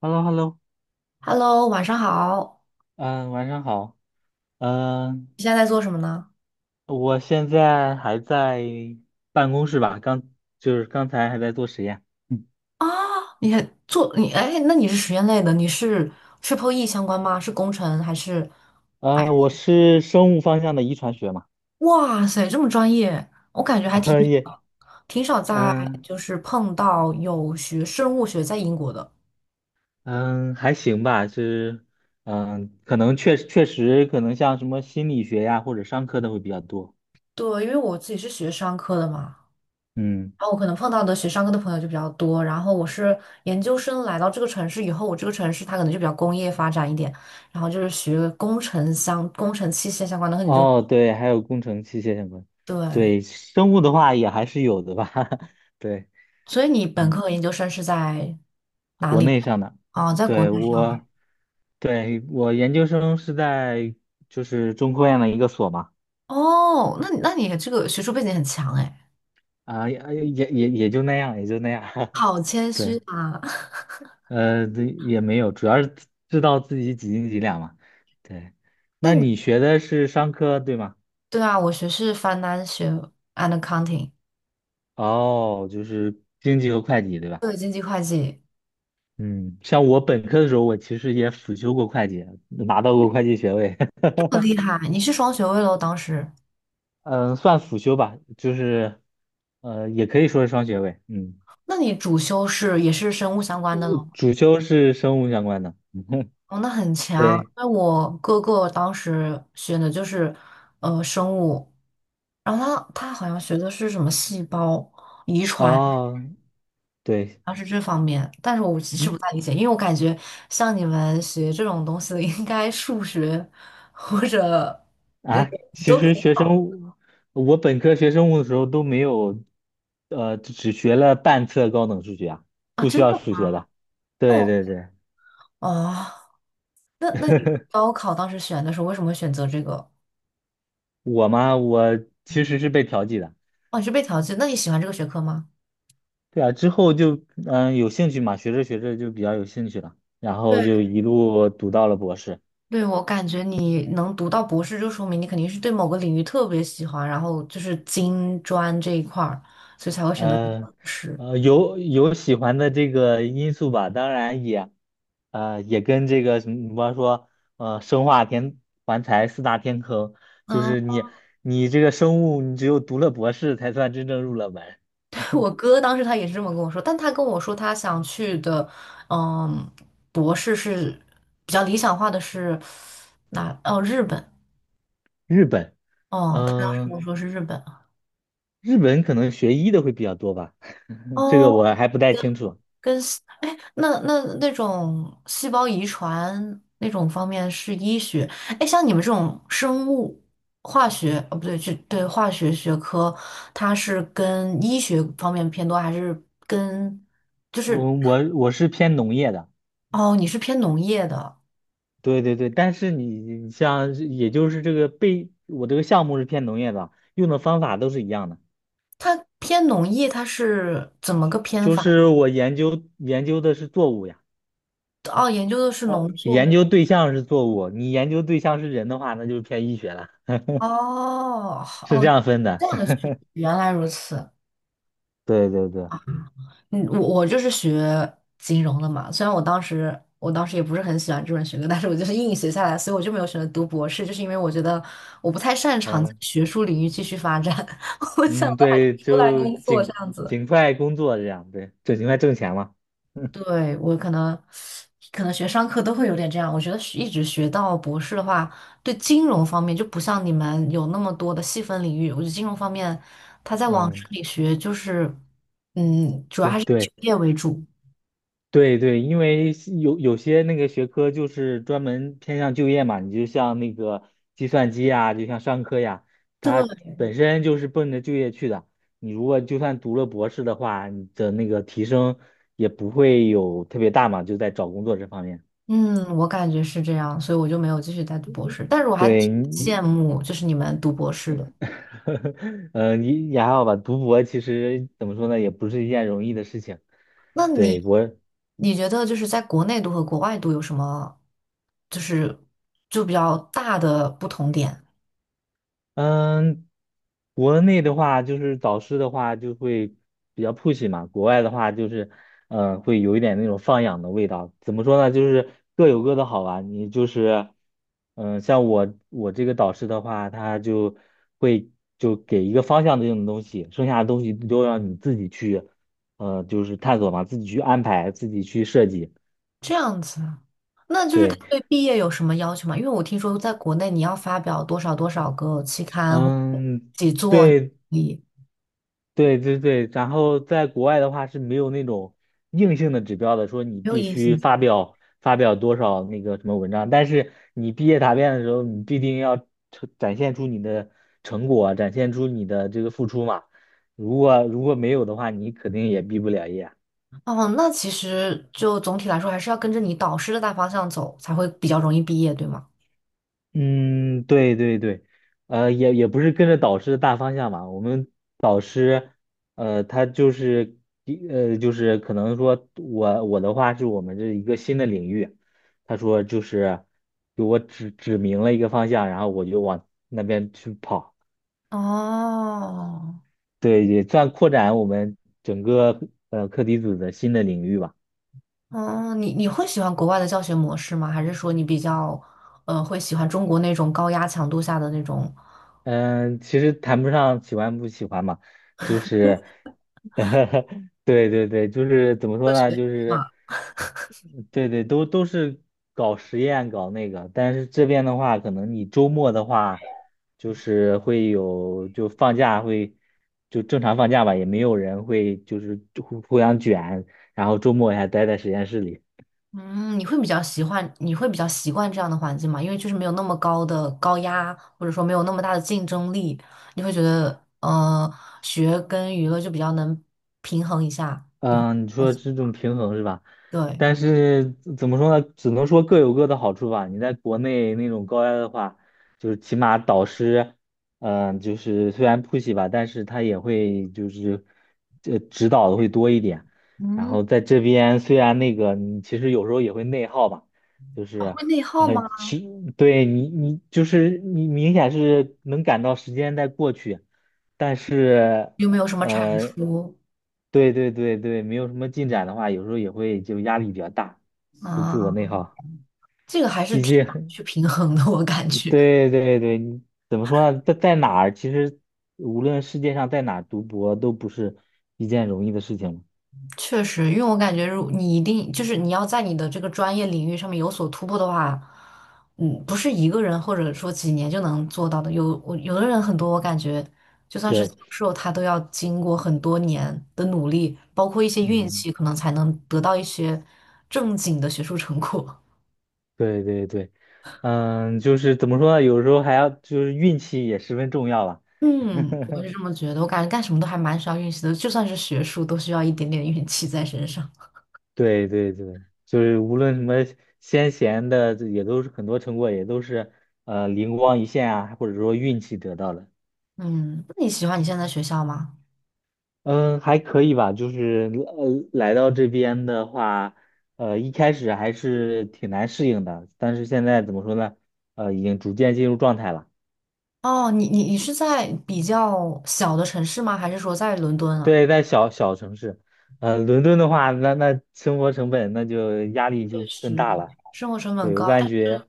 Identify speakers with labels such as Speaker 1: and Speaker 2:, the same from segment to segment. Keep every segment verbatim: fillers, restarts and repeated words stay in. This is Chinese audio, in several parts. Speaker 1: h e l l o h e l l o
Speaker 2: Hello，晚上好。
Speaker 1: 嗯，晚上好。嗯，
Speaker 2: 你现在在做什么呢？
Speaker 1: 我现在还在办公室吧，刚就是刚才还在做实验。嗯，
Speaker 2: 啊，你还做你哎，那你是实验类的，你是 Triple E 相关吗？是工程还是？
Speaker 1: 呃，我是生物方向的遗传学嘛。
Speaker 2: 哇塞，这么专业，我感觉 还挺
Speaker 1: 呃也，
Speaker 2: 挺少在
Speaker 1: 嗯
Speaker 2: 就是碰到有学生物学在英国的。
Speaker 1: 嗯，还行吧，是。嗯，可能确确实，可能像什么心理学呀或者商科的会比较多。
Speaker 2: 对，因为我自己是学商科的嘛，
Speaker 1: 嗯，
Speaker 2: 然后我可能碰到的学商科的朋友就比较多。然后我是研究生来到这个城市以后，我这个城市它可能就比较工业发展一点，然后就是学工程相工程器械相关的，可能就
Speaker 1: 哦，对，还有工程器械相关。
Speaker 2: 对。
Speaker 1: 对，生物的话也还是有的吧。对。
Speaker 2: 所以你本
Speaker 1: 嗯。
Speaker 2: 科和研究生是在哪
Speaker 1: 国
Speaker 2: 里？
Speaker 1: 内上的。
Speaker 2: 哦，在国
Speaker 1: 对，
Speaker 2: 内。
Speaker 1: 我，对，我研究生是在就是中科院的一个所嘛。
Speaker 2: 哦，那你那你这个学术背景很强哎，
Speaker 1: 啊，也也也也就那样，也就那样。
Speaker 2: 好谦虚
Speaker 1: 对，
Speaker 2: 啊。
Speaker 1: 呃，这也没有，主要是知知道自己几斤几两嘛。对，
Speaker 2: 那
Speaker 1: 那
Speaker 2: 你
Speaker 1: 你学的是商科，对吗？
Speaker 2: 对啊，我学是 Financial and Accounting，
Speaker 1: 哦，就是经济和会计，对吧？嗯，像我本科的时候，我其实也辅修过会计，拿到过会计学位。
Speaker 2: 这么厉害，你是双学位喽？当时，
Speaker 1: 嗯，算辅修吧，就是呃，也可以说是双学位。嗯，
Speaker 2: 那你主修是也是生物相关的喽？
Speaker 1: 主修是生物相关的。
Speaker 2: 哦，那很强。
Speaker 1: 对，
Speaker 2: 因为我哥哥当时选的就是呃生物，然后他他好像学的是什么细胞遗传。
Speaker 1: 哦，对，
Speaker 2: 要是这方面，但是我其实
Speaker 1: 嗯，
Speaker 2: 不太理解，因为我感觉像你们学这种东西的，应该数学或者那
Speaker 1: 啊，
Speaker 2: 种
Speaker 1: 其
Speaker 2: 都很
Speaker 1: 实学生
Speaker 2: 好
Speaker 1: 物，我本科学生物的时候都没有，呃，只学了半册高等数学啊，
Speaker 2: 啊，
Speaker 1: 不需
Speaker 2: 真
Speaker 1: 要
Speaker 2: 的
Speaker 1: 数学
Speaker 2: 吗？
Speaker 1: 的。
Speaker 2: 那
Speaker 1: 对
Speaker 2: 我
Speaker 1: 对对，
Speaker 2: 哦，那那你高考当时选的时候，为什么会选择这个？
Speaker 1: 我嘛，我其实是被调剂的。
Speaker 2: 哦，你是被调剂？那你喜欢这个学科吗？
Speaker 1: 对啊，之后就嗯、有兴趣嘛，学着学着就比较有兴趣了，然后
Speaker 2: 对，
Speaker 1: 就一路读到了博士。
Speaker 2: 对，我感觉你能读到博士，就说明你肯定是对某个领域特别喜欢，然后就是金专这一块儿，所以才会选择读
Speaker 1: 呃
Speaker 2: 博士。
Speaker 1: 呃，有有喜欢的这个因素吧，当然也呃也跟这个什么，比方说呃生化天环材四大天坑。就是你你这个生物，你只有读了博士才算真正入了门。
Speaker 2: 我哥当时他也是这么跟我说，但他跟我说他想去的，嗯，博士是比较理想化的是哪？哦，日本。
Speaker 1: 日本，
Speaker 2: 哦，他当时跟我
Speaker 1: 嗯、
Speaker 2: 说是日本啊。
Speaker 1: 日本可能学医的会比较多吧，这个
Speaker 2: 哦，
Speaker 1: 我还不太清楚。
Speaker 2: 那那那种细胞遗传那种方面是医学。哎，像你们这种生物化学，哦，不对，就对化学学科，它是跟医学方面偏多，还是跟就
Speaker 1: 我
Speaker 2: 是
Speaker 1: 我我是偏农业的。
Speaker 2: 哦，你是偏农业的？
Speaker 1: 对对对，但是你像也就是这个被我这个项目是偏农业的，用的方法都是一样的。
Speaker 2: 它偏农业，它是怎么个偏
Speaker 1: 就
Speaker 2: 法？
Speaker 1: 是我研究研究的是作物呀。
Speaker 2: 哦，研究的是
Speaker 1: 哦，
Speaker 2: 农作
Speaker 1: 研
Speaker 2: 物。
Speaker 1: 究对象是作物，你研究对象是人的话，那就是偏医学了。
Speaker 2: 哦，
Speaker 1: 是这
Speaker 2: 哦，
Speaker 1: 样分
Speaker 2: 这
Speaker 1: 的。
Speaker 2: 样的 学，原来如此。
Speaker 1: 对对对，
Speaker 2: 嗯，我我就是学金融的嘛，虽然我当时我当时也不是很喜欢这门学科，但是我就是硬学下来，所以我就没有选择读博士，就是因为我觉得我不太擅长在
Speaker 1: 嗯
Speaker 2: 学术领域继续发展，我想的
Speaker 1: 嗯，
Speaker 2: 还
Speaker 1: 对，
Speaker 2: 是出来
Speaker 1: 就
Speaker 2: 工作
Speaker 1: 尽
Speaker 2: 这样子。
Speaker 1: 尽快工作这样，对，就尽快挣钱嘛。
Speaker 2: 对，我可能，可能学商科都会有点这样。我觉得学一直学到博士的话，对金融方面就不像你们有那么多的细分领域。我觉得金融方面，他在往这
Speaker 1: 嗯，
Speaker 2: 里学，就是，嗯，主要
Speaker 1: 对
Speaker 2: 还是以
Speaker 1: 对。
Speaker 2: 就业为主。
Speaker 1: 对对，因为是有有些那个学科就是专门偏向就业嘛，你就像那个计算机呀，就像商科呀，它
Speaker 2: 对，
Speaker 1: 本身就是奔着就业去的。你如果就算读了博士的话，你的那个提升也不会有特别大嘛，就在找工作这方面。
Speaker 2: 嗯，我感觉是这样，所以我就没有继续再读博士。但是我还
Speaker 1: 对，
Speaker 2: 挺
Speaker 1: 你。
Speaker 2: 羡慕，就是你们读博士的。
Speaker 1: 呃，你也还好吧，读博其实怎么说呢，也不是一件容易的事情。
Speaker 2: 那
Speaker 1: 对，
Speaker 2: 你，
Speaker 1: 我。
Speaker 2: 你觉得就是在国内读和国外读有什么，就是就比较大的不同点？
Speaker 1: 嗯，国内的话就是导师的话就会比较 push 嘛，国外的话就是，嗯、会有一点那种放养的味道。怎么说呢？就是各有各的好吧。你就是，嗯、像我我这个导师的话，他就会就给一个方向这种东西，剩下的东西都让你自己去，呃，就是探索嘛，自己去安排，自己去设计。
Speaker 2: 这样子，那就是他
Speaker 1: 对，
Speaker 2: 对毕业有什么要求吗？因为我听说在国内你要发表多少多少个期刊或者
Speaker 1: 嗯。
Speaker 2: 几座，
Speaker 1: 对，
Speaker 2: 你
Speaker 1: 对对对，然后在国外的话是没有那种硬性的指标的，说你
Speaker 2: 没有
Speaker 1: 必
Speaker 2: 硬
Speaker 1: 须
Speaker 2: 性说。
Speaker 1: 发表发表多少那个什么文章，但是你毕业答辩的时候，你必定要呈展现出你的成果，展现出你的这个付出嘛。如果如果没有的话，你肯定也毕不了业。
Speaker 2: 哦，那其实就总体来说还是要跟着你导师的大方向走，才会比较容易毕业，对吗？
Speaker 1: 嗯，对对对，呃，也也不是跟着导师的大方向嘛。我们导师，呃，他就是一，呃，就是可能说我我的话是我们这一个新的领域。他说就是给我指指明了一个方向，然后我就往那边去跑。
Speaker 2: 哦，
Speaker 1: 对，也算扩展我们整个呃课题组的新的领域吧。
Speaker 2: 哦，你你会喜欢国外的教学模式吗？还是说你比较呃会喜欢中国那种高压强度下的那种？
Speaker 1: 嗯，其实谈不上喜欢不喜欢嘛，就是，对对对，就是怎么
Speaker 2: 科
Speaker 1: 说呢，
Speaker 2: 学
Speaker 1: 就是，对对，都都是搞实验搞那个，但是这边的话，可能你周末的话，就是会有就放假会就正常放假吧，也没有人会就是互互相卷，然后周末还待在实验室里。
Speaker 2: 嗯，你会比较喜欢，你会比较习惯这样的环境吗？因为就是没有那么高的高压，或者说没有那么大的竞争力，你会觉得呃，学跟娱乐就比较能平衡一下。你会
Speaker 1: 嗯，你
Speaker 2: 好
Speaker 1: 说
Speaker 2: 像
Speaker 1: 这种平衡是吧？
Speaker 2: 对，
Speaker 1: 但是怎么说呢？只能说各有各的好处吧。你在国内那种高压的话，就是起码导师，嗯，就是虽然 push 吧，但是他也会就是这指导的会多一点。然后
Speaker 2: 嗯，
Speaker 1: 在这边虽然那个你其实有时候也会内耗吧，就
Speaker 2: 啊
Speaker 1: 是
Speaker 2: 会内耗
Speaker 1: 呃，
Speaker 2: 吗？
Speaker 1: 其对，你你就是你明显是能感到时间在过去，但是。
Speaker 2: 有没有什么产
Speaker 1: 呃，
Speaker 2: 出
Speaker 1: 对对对对，没有什么进展的话，有时候也会就压力比较大，就自我
Speaker 2: 啊？
Speaker 1: 内耗。
Speaker 2: 这个还是
Speaker 1: 毕
Speaker 2: 挺难
Speaker 1: 竟，
Speaker 2: 去平衡的，我感 觉。
Speaker 1: 对对对，你怎么说呢？在在哪儿，其实无论世界上在哪儿读博都不是一件容易的事情嘛。
Speaker 2: 确实，因为我感觉，如你一定就是你要在你的这个专业领域上面有所突破的话，嗯，不是一个人或者说几年就能做到的。有我有的人很多，我感觉就算是教
Speaker 1: 对，
Speaker 2: 授，他都要经过很多年的努力，包括一些运
Speaker 1: 嗯，
Speaker 2: 气，可能才能得到一些正经的学术成果。
Speaker 1: 对对对，嗯，就是怎么说呢？有时候还要就是运气也十分重要吧。
Speaker 2: 嗯，我 是这么觉得。我感觉干什么都还蛮需要运气的，就算是学术，都需要一点点运气在身上。
Speaker 1: 对对对，就是无论什么先贤的，这也都是很多成果，也都是呃灵光一现啊，或者说运气得到的。
Speaker 2: 嗯，那你喜欢你现在的学校吗？
Speaker 1: 嗯，还可以吧，就是呃来到这边的话，呃一开始还是挺难适应的，但是现在怎么说呢？呃，已经逐渐进入状态了。
Speaker 2: 哦，你你你是在比较小的城市吗？还是说在伦敦啊？
Speaker 1: 对，在小小城市，呃，伦敦的话，那那生活成本那就压力
Speaker 2: 确
Speaker 1: 就更
Speaker 2: 实，
Speaker 1: 大了。
Speaker 2: 生活成本
Speaker 1: 对，我
Speaker 2: 高，
Speaker 1: 感觉。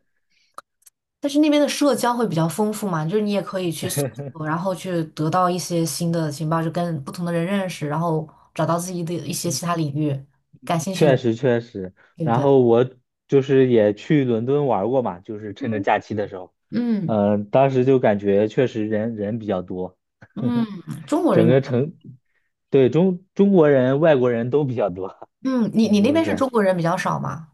Speaker 2: 但是那边的社交会比较丰富嘛，就是你也可以去搜索，然后去得到一些新的情报，就跟不同的人认识，然后找到自己的一些其他领域感兴趣
Speaker 1: 确
Speaker 2: 的，
Speaker 1: 实确实，
Speaker 2: 对不
Speaker 1: 然
Speaker 2: 对？
Speaker 1: 后我就是也去伦敦玩过嘛，就是趁着假期的时候。
Speaker 2: 嗯，
Speaker 1: 嗯，当时就感觉确实人人比较多，
Speaker 2: 嗯，中国
Speaker 1: 整
Speaker 2: 人比
Speaker 1: 个
Speaker 2: 较，
Speaker 1: 城，对，中中国人、外国人都比较多。
Speaker 2: 嗯，你
Speaker 1: 你
Speaker 2: 你
Speaker 1: 这
Speaker 2: 那
Speaker 1: 么
Speaker 2: 边是中
Speaker 1: 说。
Speaker 2: 国人比较少吗？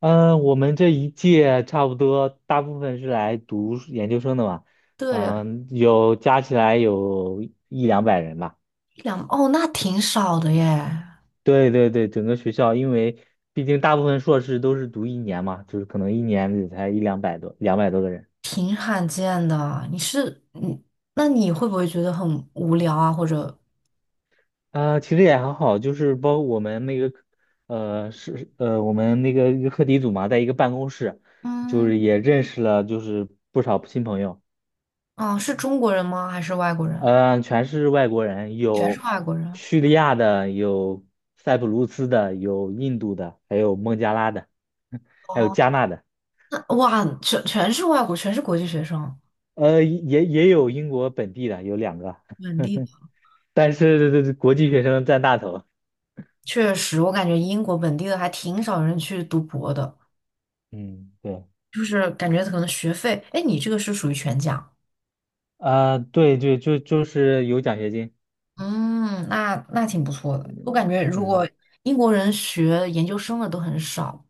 Speaker 1: 嗯，我们这一届差不多大部分是来读研究生的嘛，
Speaker 2: 对，
Speaker 1: 嗯，有加起来有一两百人吧。
Speaker 2: 一两，哦，那挺少的耶。
Speaker 1: 对对对，整个学校，因为毕竟大部分硕士都是读一年嘛，就是可能一年也才一两百多、两百多个人。
Speaker 2: 挺罕见的。你是你，那你会不会觉得很无聊啊？或者，
Speaker 1: 啊、其实也还好，就是包括我们那个，呃，是呃，我们那个一个课题组嘛，在一个办公室，就
Speaker 2: 嗯，
Speaker 1: 是也认识了就是不少新朋友。
Speaker 2: 啊，是中国人吗？还是外国人？
Speaker 1: 呃，全是外国人，
Speaker 2: 全是
Speaker 1: 有
Speaker 2: 外国人。
Speaker 1: 叙利亚的，有塞浦路斯的，有印度的，还有孟加拉的，还有
Speaker 2: 哦，
Speaker 1: 加纳的，
Speaker 2: 那哇，全全是外国，全是国际学生，
Speaker 1: 呃，也也有英国本地的，有两个。
Speaker 2: 本地的。
Speaker 1: 但是这这国际学生占大头。
Speaker 2: 确实，我感觉英国本地的还挺少人去读博的，
Speaker 1: 嗯，对，
Speaker 2: 就是感觉可能学费，哎，你这个是属于全奖。
Speaker 1: 啊、对对，就就是有奖学金。
Speaker 2: 嗯，那那挺不错的。我感
Speaker 1: 嗯，
Speaker 2: 觉如果
Speaker 1: 嗯
Speaker 2: 英国人学研究生的都很少。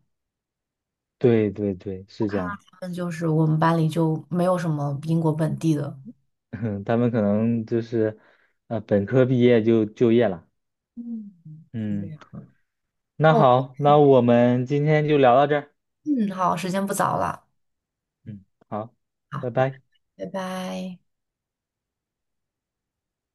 Speaker 1: 对对对，是这
Speaker 2: 他
Speaker 1: 样。
Speaker 2: 们就是我们班里就没有什么英国本地的。
Speaker 1: 他们可能就是，呃，本科毕业就就业了。
Speaker 2: 嗯，是这
Speaker 1: 嗯，
Speaker 2: 样。
Speaker 1: 那好，那我们今天就聊到这儿。
Speaker 2: 嗯，好，时间不早了，
Speaker 1: 嗯，好，
Speaker 2: 好，
Speaker 1: 拜拜。
Speaker 2: 拜拜。